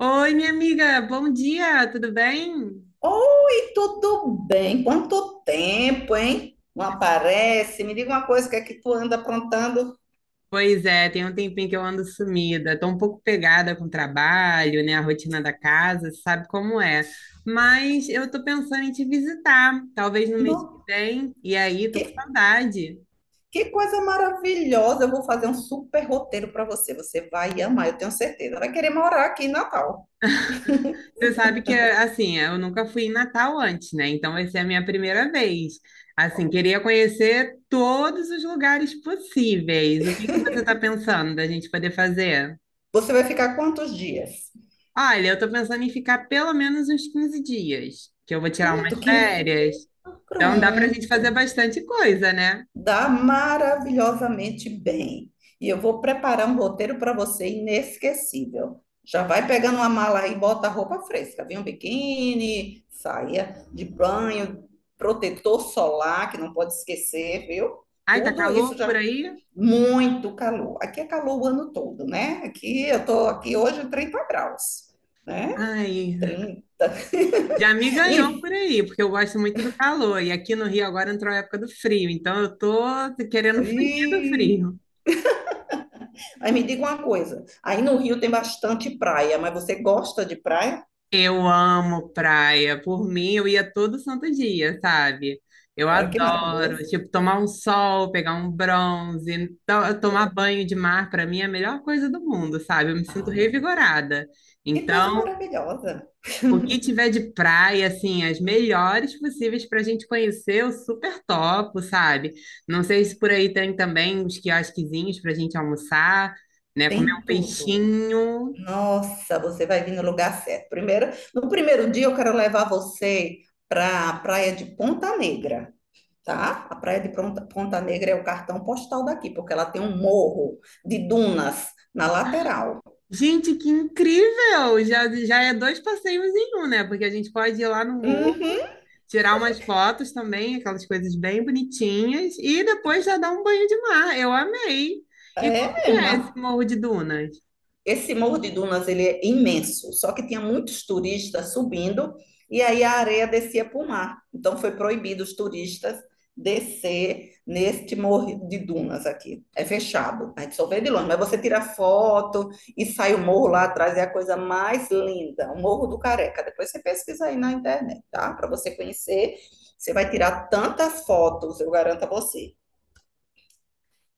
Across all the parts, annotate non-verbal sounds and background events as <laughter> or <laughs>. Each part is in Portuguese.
Oi, minha amiga, bom dia, tudo bem? Oi, tudo bem? Quanto tempo, hein? Não aparece? Me diga uma coisa, o que é que tu anda aprontando? Pois é, tem um tempinho que eu ando sumida, tô um pouco pegada com o trabalho, né, a rotina da casa, sabe como é. Mas eu tô pensando em te visitar, talvez no mês que Não, vem, e aí tô que, com saudade. que coisa maravilhosa! Eu vou fazer um super roteiro para você. Você vai amar, eu tenho certeza. Vai querer morar aqui em Natal. Você sabe que, assim, eu nunca fui em Natal antes, né, então vai ser a minha primeira vez. Assim, queria conhecer todos os lugares possíveis. O que que você tá pensando da gente poder fazer? Você vai ficar quantos dias? Olha, eu tô pensando em ficar pelo menos uns 15 dias, que eu vou tirar Pronto, umas 15. férias. Dias. Então dá pra gente fazer Pronto. bastante coisa, né? Dá maravilhosamente bem. E eu vou preparar um roteiro para você inesquecível. Já vai pegando uma mala aí, bota roupa fresca, vem um biquíni, saia de banho, protetor solar, que não pode esquecer, viu? Ai, tá Tudo isso calor por já aí? muito calor. Aqui é calor o ano todo, né? Aqui eu tô aqui hoje 30 graus, né? Ai, 30. já me ganhou Ih, por aí, porque eu gosto muito do calor. E aqui no Rio agora entrou a época do frio, então eu tô querendo fugir do ih, frio. aí me diga uma coisa, aí no Rio tem bastante praia, mas você gosta de praia? Eu amo praia. Por mim, eu ia todo santo dia, sabe? Eu Olha que adoro, maravilhoso. tipo, tomar um sol, pegar um bronze, tomar banho de mar, para mim é a melhor coisa do mundo, sabe? Eu me sinto Ah, revigorada. que coisa Então, maravilhosa. o que tiver de praia, assim, as melhores possíveis para a gente conhecer, eu super topo, sabe? Não sei se por aí tem também uns quiosquezinhos para a gente almoçar, né? Comer Tem um tudo. peixinho. Nossa, você vai vir no lugar certo. Primeiro, no primeiro dia eu quero levar você para a praia de Ponta Negra, tá? A praia de Ponta Negra é o cartão postal daqui, porque ela tem um morro de dunas na lateral. Gente, que incrível! Já é dois passeios em um, né? Porque a gente pode ir lá no morro, Uhum. tirar umas fotos também, aquelas coisas bem bonitinhas, e depois já dar um banho de mar. Eu amei! E como é, que é é esse Morro de Dunas? Esse Morro de Dunas, ele é imenso, só que tinha muitos turistas subindo e aí a areia descia para o mar. Então foi proibido os turistas descer neste Morro de Dunas aqui. É fechado, a gente só vê de longe, mas você tira foto e sai o morro lá atrás, é a coisa mais linda, o Morro do Careca. Depois você pesquisa aí na internet, tá? Para você conhecer, você vai tirar tantas fotos, eu garanto a você.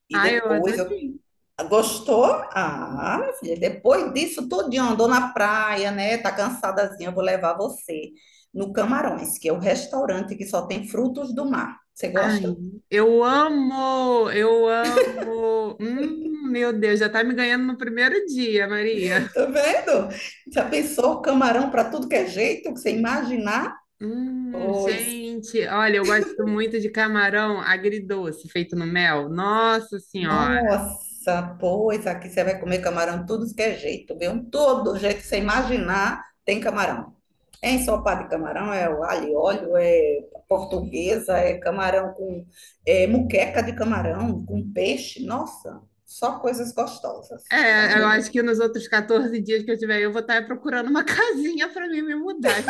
E Ai, eu depois eu adorei! gostou? Ah, minha filha, depois disso tudinho, andou na praia, né? Tá cansadazinha, eu vou levar você no Camarões, que é o restaurante que só tem frutos do mar. Você gosta? Ai, eu amo! Eu amo! Meu Deus, já tá me ganhando no primeiro dia, Maria. Tá vendo? Já pensou camarão para tudo que é jeito, que você imaginar? Pois Gente, olha, eu gosto muito de camarão agridoce feito no mel. Nossa Senhora! nossa, pois aqui você vai comer camarão tudo que é jeito, viu? Todo jeito que você imaginar tem camarão. É ensopado de camarão, é o alho e óleo, é portuguesa, é camarão com é, muqueca de camarão, com peixe. Nossa, só coisas gostosas, tá? É, eu acho que nos outros 14 dias que eu tiver, eu vou estar procurando uma <laughs> casinha para mim me mudar.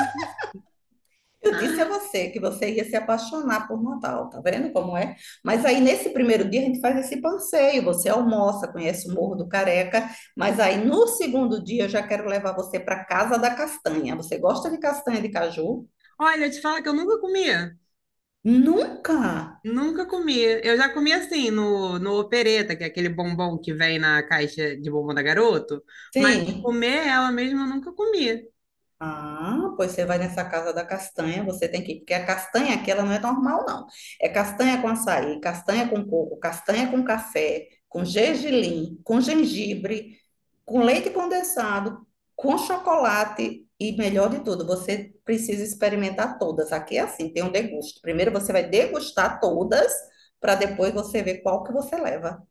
Eu disse a você que você ia se apaixonar por Natal, tá vendo como é? Mas aí nesse primeiro dia a gente faz esse passeio, você almoça, conhece o Morro do Careca, mas aí no segundo dia eu já quero levar você para Casa da Castanha. Você gosta de castanha de caju? Olha, eu te falo que eu nunca comia. Nunca! Nunca comi. Eu já comi assim no opereta, que é aquele bombom que vem na caixa de bombom da garoto, mas Sim. comer ela mesma eu nunca comi. Ah, pois você vai nessa casa da castanha, você tem que ir, porque a castanha aqui ela não é normal, não. É castanha com açaí, castanha com coco, castanha com café, com gergelim, com gengibre, com leite condensado, com chocolate e melhor de tudo, você precisa experimentar todas. Aqui é assim, tem um degusto. Primeiro você vai degustar todas, para depois você ver qual que você leva.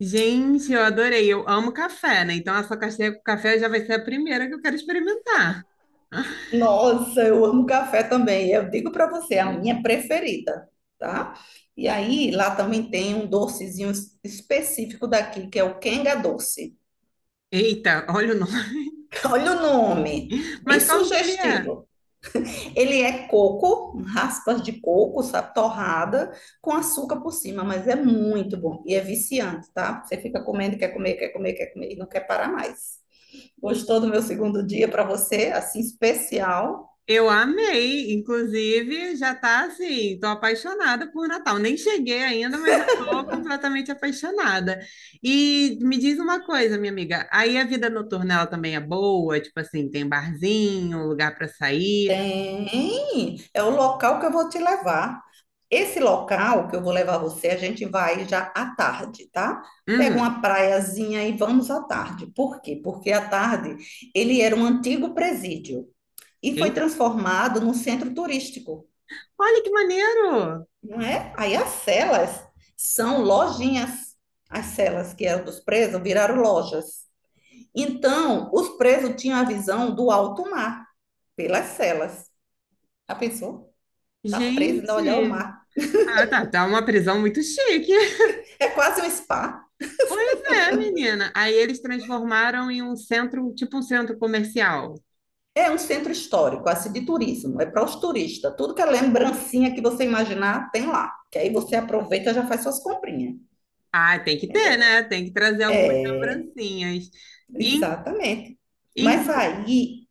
Gente, eu adorei. Eu amo café, né? Então essa caixinha com café já vai ser a primeira que eu quero experimentar. <laughs> Nossa, eu amo café também. Eu digo para você, é a minha preferida, tá? E aí, lá também tem um docezinho específico daqui, que é o quenga doce. Eita, olha o nome. <laughs> Olha o nome, bem Mas como que ele é? sugestivo. Ele é coco, raspas de coco, sabe, torrada, com açúcar por cima, mas é muito bom e é viciante, tá? Você fica comendo, quer comer, quer comer, quer comer e não quer parar mais. Gostou do meu segundo dia para você, assim especial? Eu amei, inclusive já tá assim, tô apaixonada por Natal. Nem cheguei ainda, mas já tô completamente apaixonada. E me diz uma coisa, minha amiga, aí a vida noturna ela também é boa, tipo assim, tem barzinho, lugar para sair. Tem, é o local que eu vou te levar. Esse local que eu vou levar você, a gente vai já à tarde, tá? Pega Uhum. uma praiazinha e vamos à tarde. Por quê? Porque à tarde ele era um antigo presídio e foi Eita, transformado num centro turístico, olha que maneiro! não é? Aí as celas são lojinhas. As celas que eram dos presos viraram lojas. Então, os presos tinham a visão do alto mar pelas celas. Já pensou? Tá preso e ainda olhar o Gente, mar. ah, tá, tá uma prisão muito chique. <laughs> É quase um spa. Pois é, menina. Aí eles transformaram em um centro, tipo um centro comercial. É um centro histórico, assim, de turismo. É para os turistas. Tudo que é lembrancinha que você imaginar, tem lá. Que aí você aproveita e já faz suas comprinhas, Ah, tem que ter, entendeu? né? Tem que trazer algumas lembrancinhas. In, Exatamente. Mas inclu- aí,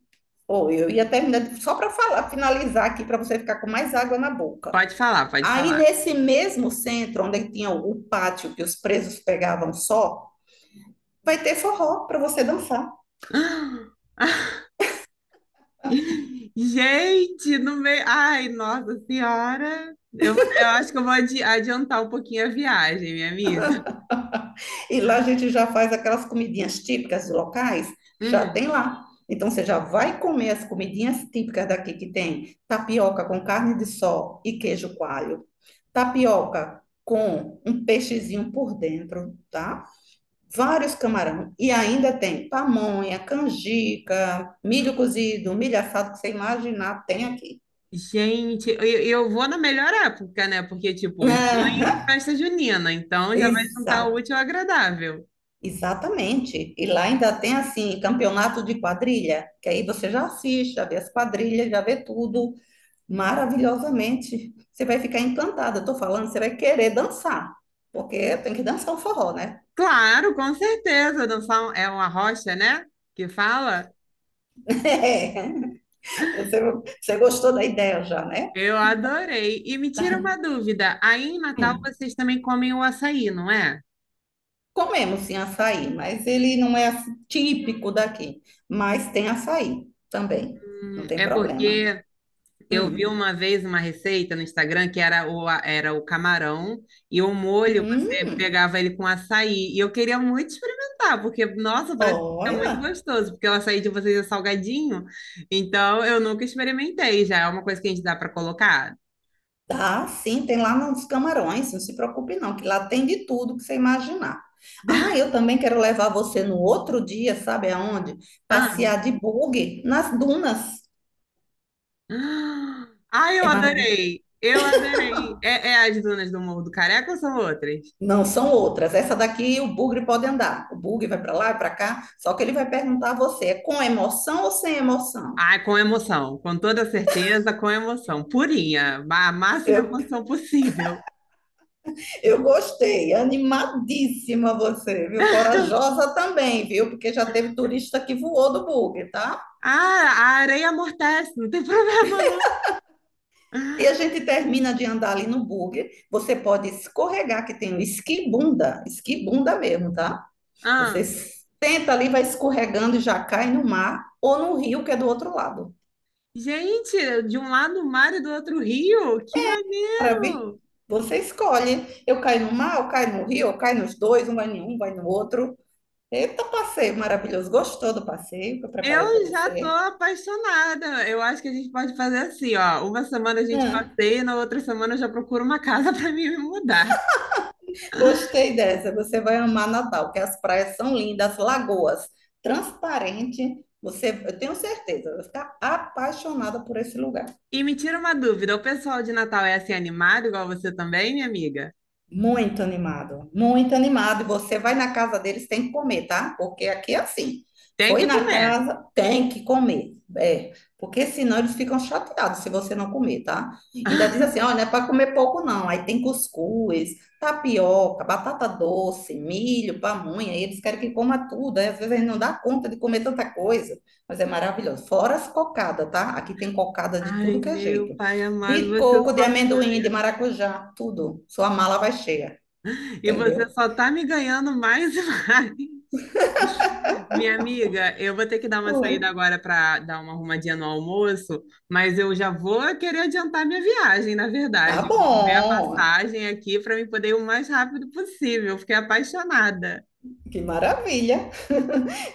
oh, eu ia terminar só para falar, finalizar aqui, para você ficar com mais água na boca. Pode falar, pode Aí, falar. nesse mesmo centro, onde tinha o pátio que os presos pegavam só, vai ter forró para você dançar. <gasps> Gente, no meio. Ai, nossa senhora. Eu acho que eu vou adiantar um pouquinho a viagem, minha amiga. <laughs> E lá a gente já faz aquelas comidinhas típicas locais, já Uhum. tem lá. Então você já vai comer as comidinhas típicas daqui que tem tapioca com carne de sol e queijo coalho, tapioca com um peixezinho por dentro, tá? Vários camarão e ainda tem pamonha, canjica, milho cozido, milho assado que você imaginar tem aqui. Gente, eu vou na melhor época, né? Porque, <laughs> tipo, junho, Aham. festa junina. Então já vai juntar o Exato. útil ao agradável. Exatamente. E lá ainda tem assim, campeonato de quadrilha, que aí você já assiste, já vê as quadrilhas, já vê tudo maravilhosamente. Você vai ficar encantada. Eu tô falando, você vai querer dançar, porque tem que dançar o forró, né? Claro, com certeza. É uma rocha, né? Que fala. <laughs> É. Você, você gostou da ideia já, né? Eu adorei. E me tira uma dúvida, aí em Natal Hum. vocês também comem o açaí, não é? Comemos sim açaí, mas ele não é assim, típico daqui. Mas tem açaí também, não tem É problema. porque eu vi Hum. uma vez uma receita no Instagram que era era o camarão e o molho, você Hum, pegava ele com açaí. E eu queria muito experimentar, porque, nossa, parece que fica muito olha. gostoso, porque o açaí de vocês é salgadinho. Então, eu nunca experimentei, já é uma coisa que a gente dá para colocar. Tá, sim, tem lá nos Camarões, não se preocupe não, que lá tem de tudo que você imaginar. Ah, <laughs> eu também quero levar você no outro dia, sabe aonde? Ah, Passear de buggy nas dunas. <gasps> Ah, Ai, eu É maravilhoso. adorei! Eu adorei! É, é as dunas do Morro do Careca ou são outras? Não, são outras. Essa daqui o bugre pode andar. O bugre vai para lá e para cá, só que ele vai perguntar a você, é com emoção ou sem emoção? Ai, com emoção, com toda certeza, com emoção. Purinha, a máxima Eu, emoção possível. eu gostei, animadíssima você, viu? Corajosa também, viu? Porque já teve turista que voou do bugre, tá? Ah, a areia amortece, não tem <laughs> problema não. Aí a gente termina de andar ali no buggy. Você pode escorregar, que tem um esquibunda, esquibunda mesmo, tá? Você Ah, senta ali, vai escorregando e já cai no mar ou no rio, que é do outro lado. gente, de um lado o mar e do outro o rio, que Maravilha. maneiro! Você escolhe. Eu caio no mar, eu caio no rio, eu caio nos dois, um vai em um, vai no outro. Eita, passeio maravilhoso. Gostou do passeio que eu preparei para Eu já tô você? apaixonada. Eu acho que a gente pode fazer assim, ó. Uma semana a gente Hã? passeia, na outra semana eu já procuro uma casa <laughs> para mim me mudar. Gostei dessa. Você vai amar Natal, que as praias são lindas, as lagoas transparentes. Você, eu tenho certeza, vai ficar apaixonada por esse lugar. E me tira uma dúvida, o pessoal de Natal é assim animado, igual você também, minha amiga? Muito animado, muito animado. E você vai na casa deles, tem que comer, tá? Porque aqui é assim. Tem Foi que na comer. casa, tem que comer. É, porque senão eles ficam chateados se você não comer, tá? Ainda diz assim, olha, <laughs> não é para comer pouco não. Aí tem cuscuz, tapioca, batata doce, milho, pamonha. E eles querem que coma tudo. Aí às vezes a gente não dá conta de comer tanta coisa. Mas é maravilhoso. Fora as cocadas, tá? Aqui tem cocada de tudo Ai, que é meu jeito. pai amado, De você coco, de só me amendoim, de ganha. maracujá, tudo. Sua mala vai cheia, E você entendeu? só tá me ganhando mais e mais. Minha amiga, eu vou ter que dar uma Oi. saída agora para dar uma arrumadinha no almoço, mas eu já vou querer adiantar minha viagem, na Tá verdade. Vou ver a bom. passagem aqui para me poder ir o mais rápido possível. Fiquei apaixonada. Que maravilha.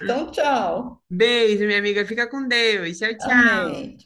Então, tchau. Beijo, minha amiga. Fica com Deus. Tchau, tchau. Amém.